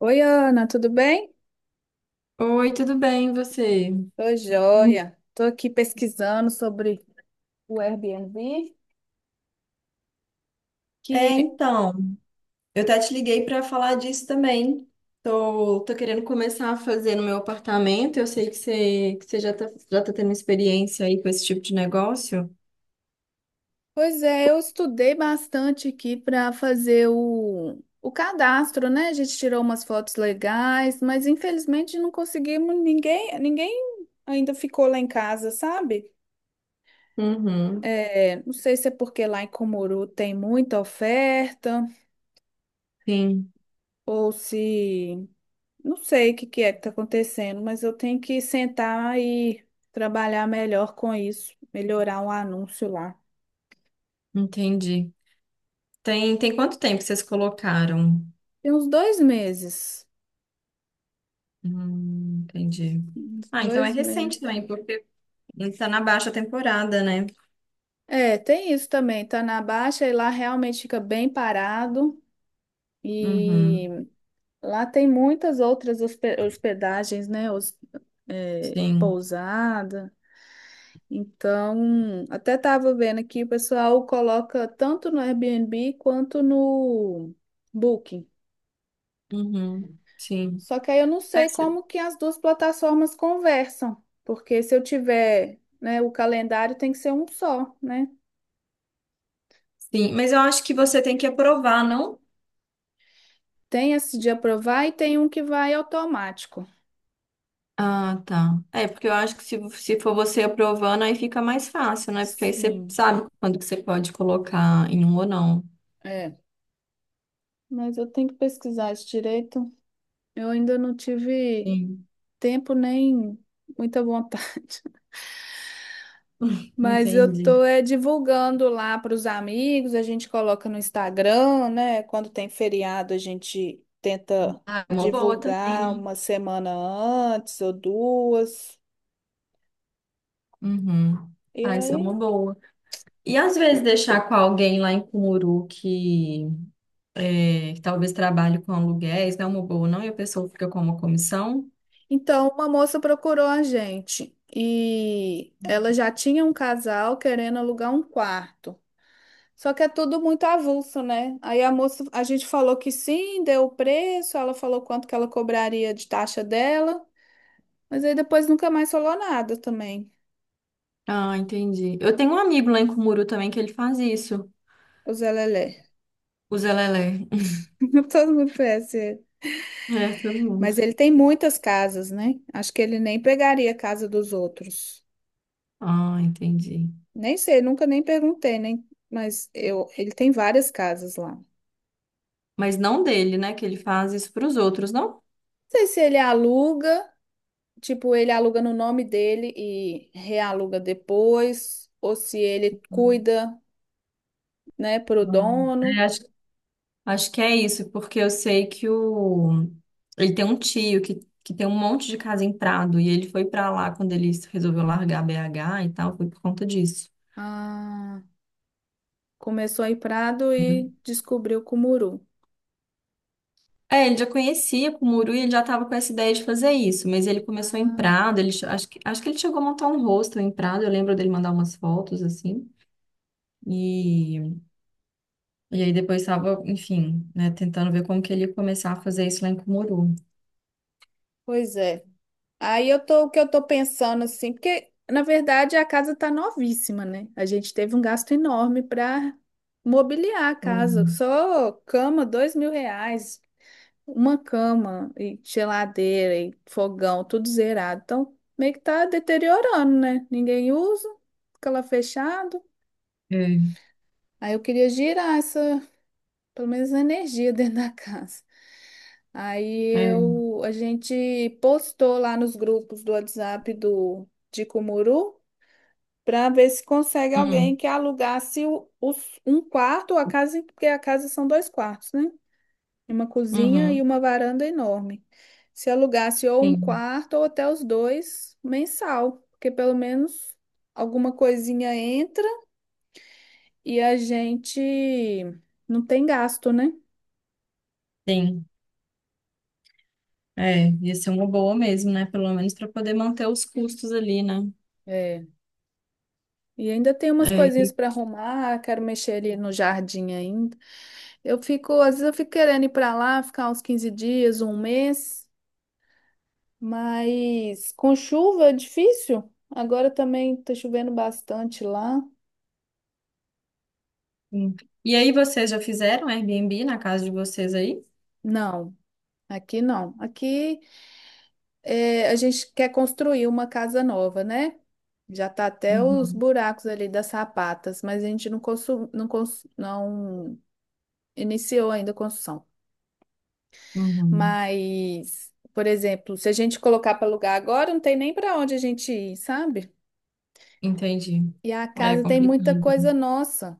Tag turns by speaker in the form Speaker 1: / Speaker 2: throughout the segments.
Speaker 1: Oi, Ana, tudo bem?
Speaker 2: Oi, tudo bem, e você?
Speaker 1: Tô joia. Tô aqui pesquisando sobre o Airbnb,
Speaker 2: É,
Speaker 1: que,
Speaker 2: então, eu até te liguei para falar disso também. Tô querendo começar a fazer no meu apartamento. Eu sei que você já tá tendo experiência aí com esse tipo de negócio.
Speaker 1: pois é, eu estudei bastante aqui para fazer o cadastro, né? A gente tirou umas fotos legais, mas infelizmente não conseguimos ninguém. Ninguém ainda ficou lá em casa, sabe?
Speaker 2: Uhum,
Speaker 1: É, não sei se é porque lá em Cumuru tem muita oferta,
Speaker 2: sim,
Speaker 1: ou se não sei o que que é que está acontecendo, mas eu tenho que sentar e trabalhar melhor com isso, melhorar um anúncio lá.
Speaker 2: entendi. Tem quanto tempo vocês colocaram?
Speaker 1: Tem uns 2 meses.
Speaker 2: Entendi.
Speaker 1: Uns
Speaker 2: Ah, então é
Speaker 1: dois
Speaker 2: recente
Speaker 1: meses.
Speaker 2: também, porque está na baixa temporada, né?
Speaker 1: É, tem isso também. Tá na baixa e lá realmente fica bem parado. E
Speaker 2: Uhum,
Speaker 1: lá tem muitas outras hospedagens, né? Os,
Speaker 2: sim,
Speaker 1: pousada. Então, até tava vendo aqui, o pessoal coloca tanto no Airbnb quanto no Booking.
Speaker 2: uhum, sim.
Speaker 1: Só que aí eu não
Speaker 2: Mas,
Speaker 1: sei como que as duas plataformas conversam, porque se eu tiver, né, o calendário tem que ser um só, né?
Speaker 2: sim, mas eu acho que você tem que aprovar, não?
Speaker 1: Tem esse de aprovar e tem um que vai automático.
Speaker 2: Ah, tá. É, porque eu acho que se for você aprovando, aí fica mais fácil, né? Porque aí você
Speaker 1: Sim,
Speaker 2: sabe quando que você pode colocar em um ou não.
Speaker 1: é. Mas eu tenho que pesquisar isso direito. Eu ainda não tive
Speaker 2: Sim,
Speaker 1: tempo nem muita vontade. Mas eu
Speaker 2: entendi.
Speaker 1: tô divulgando lá para os amigos, a gente coloca no Instagram, né? Quando tem feriado, a gente tenta
Speaker 2: Ah, é uma boa
Speaker 1: divulgar
Speaker 2: também, né?
Speaker 1: uma semana antes ou duas.
Speaker 2: Uhum.
Speaker 1: E
Speaker 2: Ah, isso é uma
Speaker 1: aí?
Speaker 2: boa. E às vezes deixar com alguém lá em Cumuru que, é, que talvez trabalhe com aluguéis, não é uma boa, não? E a pessoa fica com uma comissão?
Speaker 1: Então, uma moça procurou a gente e ela já tinha um casal querendo alugar um quarto. Só que é tudo muito avulso, né? Aí a moça, a gente falou que sim, deu o preço, ela falou quanto que ela cobraria de taxa dela. Mas aí depois nunca mais falou nada também,
Speaker 2: Ah, entendi. Eu tenho um amigo lá em Cumuru também que ele faz isso,
Speaker 1: o Zé Lelé.
Speaker 2: o Zelelé.
Speaker 1: Todo mundo conhece ele.
Speaker 2: É, todo mundo.
Speaker 1: Mas ele tem muitas casas, né? Acho que ele nem pegaria a casa dos outros.
Speaker 2: Ah, entendi.
Speaker 1: Nem sei, nunca nem perguntei, nem, mas eu, ele tem várias casas lá. Não
Speaker 2: Mas não dele, né? Que ele faz isso para os outros, não?
Speaker 1: sei se ele aluga, tipo, ele aluga no nome dele e realuga depois, ou se ele cuida, né, pro
Speaker 2: Hum,
Speaker 1: dono.
Speaker 2: é, acho que é isso, porque eu sei que o ele tem um tio que tem um monte de casa em Prado e ele foi para lá quando ele resolveu largar BH e tal, foi por conta disso.
Speaker 1: Ah, começou em Prado e
Speaker 2: Uhum.
Speaker 1: descobriu Cumuru.
Speaker 2: É, ele já conhecia Cumuru e ele já estava com essa ideia de fazer isso, mas ele começou em
Speaker 1: Ah,
Speaker 2: Prado, acho que ele chegou a montar um hostel em Prado, eu lembro dele mandar umas fotos assim, e, e aí depois estava, enfim, né, tentando ver como que ele ia começar a fazer isso lá em Cumuru.
Speaker 1: pois é. Aí eu tô, o que eu tô pensando assim, porque na verdade a casa tá novíssima, né? A gente teve um gasto enorme para mobiliar a casa,
Speaker 2: Hum,
Speaker 1: só cama, R$ 2.000, uma cama e geladeira e fogão, tudo zerado. Então meio que tá deteriorando, né? Ninguém usa, fica lá fechado.
Speaker 2: é,
Speaker 1: Aí eu queria girar essa pelo menos energia dentro da casa. Aí
Speaker 2: é,
Speaker 1: eu, a gente postou lá nos grupos do WhatsApp do de Cumuru para ver se consegue alguém
Speaker 2: hum,
Speaker 1: que alugasse um quarto, a casa, porque a casa são dois quartos, né? Uma cozinha e
Speaker 2: uhum,
Speaker 1: uma varanda enorme. Se alugasse ou um
Speaker 2: sim,
Speaker 1: quarto ou até os dois mensal, porque pelo menos alguma coisinha entra e a gente não tem gasto, né?
Speaker 2: sim, é, ia ser uma boa mesmo, né? Pelo menos para poder manter os custos ali, né?
Speaker 1: É. E ainda tem umas
Speaker 2: É,
Speaker 1: coisinhas
Speaker 2: e,
Speaker 1: para arrumar, quero mexer ali no jardim ainda. Eu fico, às vezes eu fico querendo ir para lá, ficar uns 15 dias, um mês, mas com chuva é difícil. Agora também tá chovendo bastante lá.
Speaker 2: sim. E aí vocês já fizeram Airbnb na casa de vocês aí?
Speaker 1: Não, aqui não. Aqui a gente quer construir uma casa nova, né? Já tá até os
Speaker 2: Uhum,
Speaker 1: buracos ali das sapatas, mas a gente não, não iniciou ainda a construção.
Speaker 2: uhum,
Speaker 1: Mas, por exemplo, se a gente colocar para alugar agora, não tem nem para onde a gente ir, sabe?
Speaker 2: entendi.
Speaker 1: E a
Speaker 2: É
Speaker 1: casa tem
Speaker 2: complicado,
Speaker 1: muita coisa
Speaker 2: né?
Speaker 1: nossa.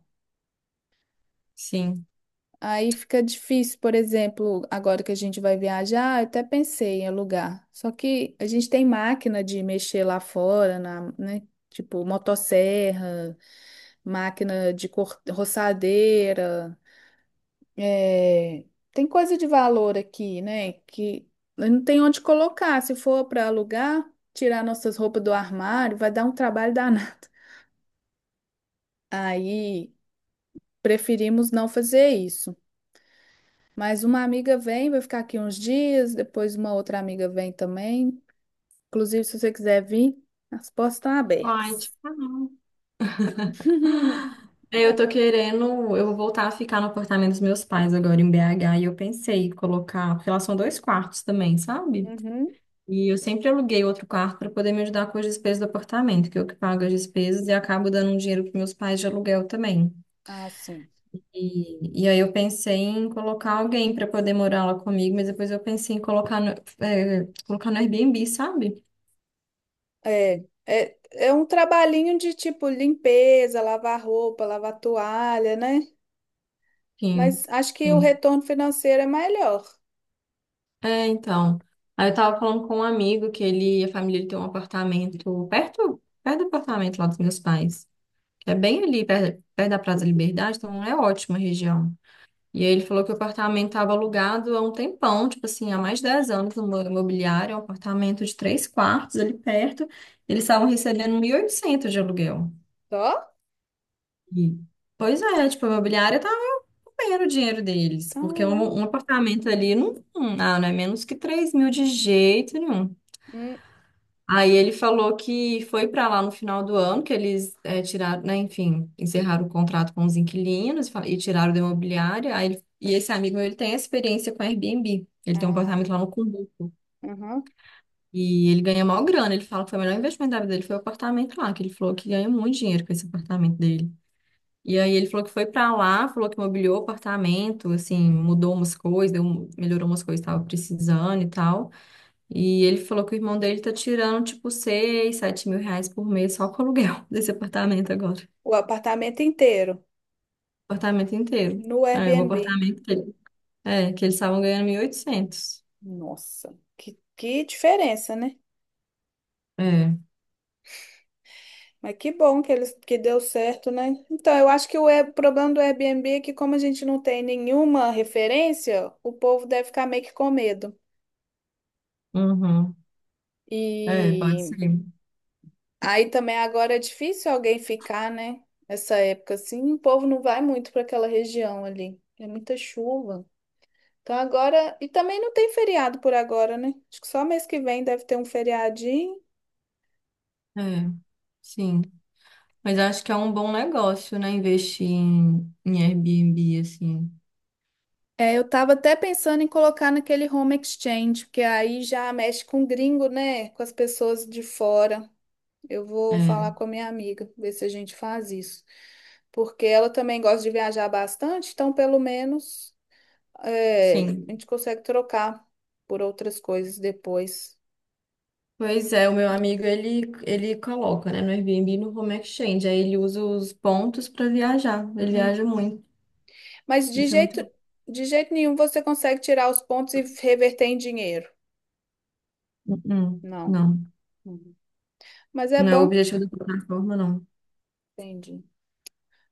Speaker 2: Sim.
Speaker 1: Aí fica difícil, por exemplo, agora que a gente vai viajar, eu até pensei em alugar. Só que a gente tem máquina de mexer lá fora, na, né? Tipo, motosserra, máquina de roçadeira. É, tem coisa de valor aqui, né? Que não tem onde colocar. Se for para alugar, tirar nossas roupas do armário, vai dar um trabalho danado. Aí preferimos não fazer isso. Mas uma amiga vem, vai ficar aqui uns dias, depois uma outra amiga vem também. Inclusive, se você quiser vir, as portas estão
Speaker 2: Vai
Speaker 1: abertas.
Speaker 2: tipo, ah, não. É, eu tô querendo, eu vou voltar a ficar no apartamento dos meus pais agora em BH e eu pensei em colocar, porque lá são dois quartos também, sabe?
Speaker 1: Uhum.
Speaker 2: E eu sempre aluguei outro quarto para poder me ajudar com as despesas do apartamento, que eu que pago as despesas e acabo dando um dinheiro para meus pais de aluguel também.
Speaker 1: Ah, sim.
Speaker 2: E aí eu pensei em colocar alguém para poder morar lá comigo, mas depois eu pensei em colocar no, colocar no Airbnb, sabe?
Speaker 1: É um trabalhinho de tipo limpeza, lavar roupa, lavar toalha, né?
Speaker 2: Sim,
Speaker 1: Mas acho que o
Speaker 2: sim,
Speaker 1: retorno financeiro é melhor.
Speaker 2: é, então. Aí eu tava falando com um amigo que ele, a família dele tem um apartamento perto, perto do apartamento lá dos meus pais, que é bem ali, perto, perto da Praça da Liberdade, então é ótima a região. E aí ele falou que o apartamento estava alugado há um tempão, tipo assim, há mais de 10 anos no imobiliário, é um apartamento de três quartos ali perto. Eles estavam recebendo 1.800 de aluguel.
Speaker 1: Só?
Speaker 2: E, pois é, tipo, a imobiliária estava comendo o dinheiro deles, porque
Speaker 1: Caramba.
Speaker 2: um apartamento ali não, não, ah, não é menos que 3 mil de jeito nenhum.
Speaker 1: Hum,
Speaker 2: Aí ele falou que foi para lá no final do ano, que eles tiraram, né, enfim, encerraram o contrato com os inquilinos e e tiraram da imobiliária. E esse amigo meu, ele tem experiência com Airbnb. Ele tem um
Speaker 1: ah,
Speaker 2: apartamento lá no Cumbuco.
Speaker 1: aham.
Speaker 2: E ele ganha maior grana. Ele fala que foi o melhor investimento da vida dele, foi o apartamento lá, que ele falou que ganha muito dinheiro com esse apartamento dele. E aí ele falou que foi para lá, falou que mobiliou o apartamento, assim, mudou umas coisas, melhorou umas coisas que estava precisando e tal. E ele falou que o irmão dele tá tirando tipo seis, sete mil reais por mês só com o aluguel desse apartamento agora.
Speaker 1: O apartamento inteiro
Speaker 2: Apartamento inteiro.
Speaker 1: no
Speaker 2: É, o
Speaker 1: Airbnb.
Speaker 2: apartamento dele, é, que eles estavam ganhando mil e oitocentos,
Speaker 1: Nossa, que diferença, né?
Speaker 2: é,
Speaker 1: Mas que bom que eles que deu certo, né? Então, eu acho que o problema do Airbnb é que como a gente não tem nenhuma referência, o povo deve ficar meio que com medo.
Speaker 2: uhum. É, pode
Speaker 1: E
Speaker 2: ser.
Speaker 1: aí também agora é difícil alguém ficar, né? Essa época assim, o povo não vai muito para aquela região ali. É muita chuva. Então agora. E também não tem feriado por agora, né? Acho que só mês que vem deve ter um feriadinho.
Speaker 2: É, sim. Mas eu acho que é um bom negócio, né? Investir em, em Airbnb, assim.
Speaker 1: É, eu tava até pensando em colocar naquele home exchange, porque aí já mexe com gringo, né? Com as pessoas de fora. Eu vou
Speaker 2: É,
Speaker 1: falar com a minha amiga, ver se a gente faz isso. Porque ela também gosta de viajar bastante, então pelo menos a
Speaker 2: sim.
Speaker 1: gente consegue trocar por outras coisas depois.
Speaker 2: Pois é, o meu amigo, ele coloca, né, no Airbnb e no Home Exchange. Aí ele usa os pontos para viajar. Ele
Speaker 1: Hum.
Speaker 2: viaja muito.
Speaker 1: Mas
Speaker 2: Deixa muito.
Speaker 1: de jeito nenhum você consegue tirar os pontos e reverter em dinheiro.
Speaker 2: Uhum.
Speaker 1: Não.
Speaker 2: Não,
Speaker 1: Uhum. Mas é
Speaker 2: não é o
Speaker 1: bom.
Speaker 2: objetivo da plataforma, não.
Speaker 1: Entendi.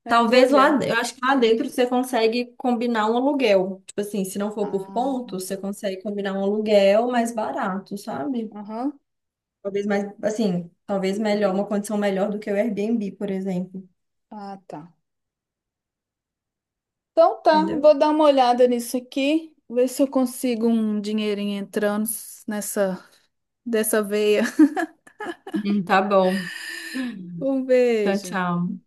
Speaker 1: É, vou
Speaker 2: Talvez lá,
Speaker 1: olhar.
Speaker 2: eu acho que lá dentro você consegue combinar um aluguel. Tipo assim, se não for por
Speaker 1: Ah,
Speaker 2: ponto, você consegue combinar um aluguel mais barato, sabe?
Speaker 1: aham.
Speaker 2: Talvez mais, assim, talvez melhor, uma condição melhor do que o Airbnb, por exemplo.
Speaker 1: Ah, tá. Então tá,
Speaker 2: Entendeu?
Speaker 1: vou dar uma olhada nisso aqui, ver se eu consigo um dinheirinho entrando nessa dessa veia.
Speaker 2: Tá bom.
Speaker 1: Um
Speaker 2: Então,
Speaker 1: beijo.
Speaker 2: tchau.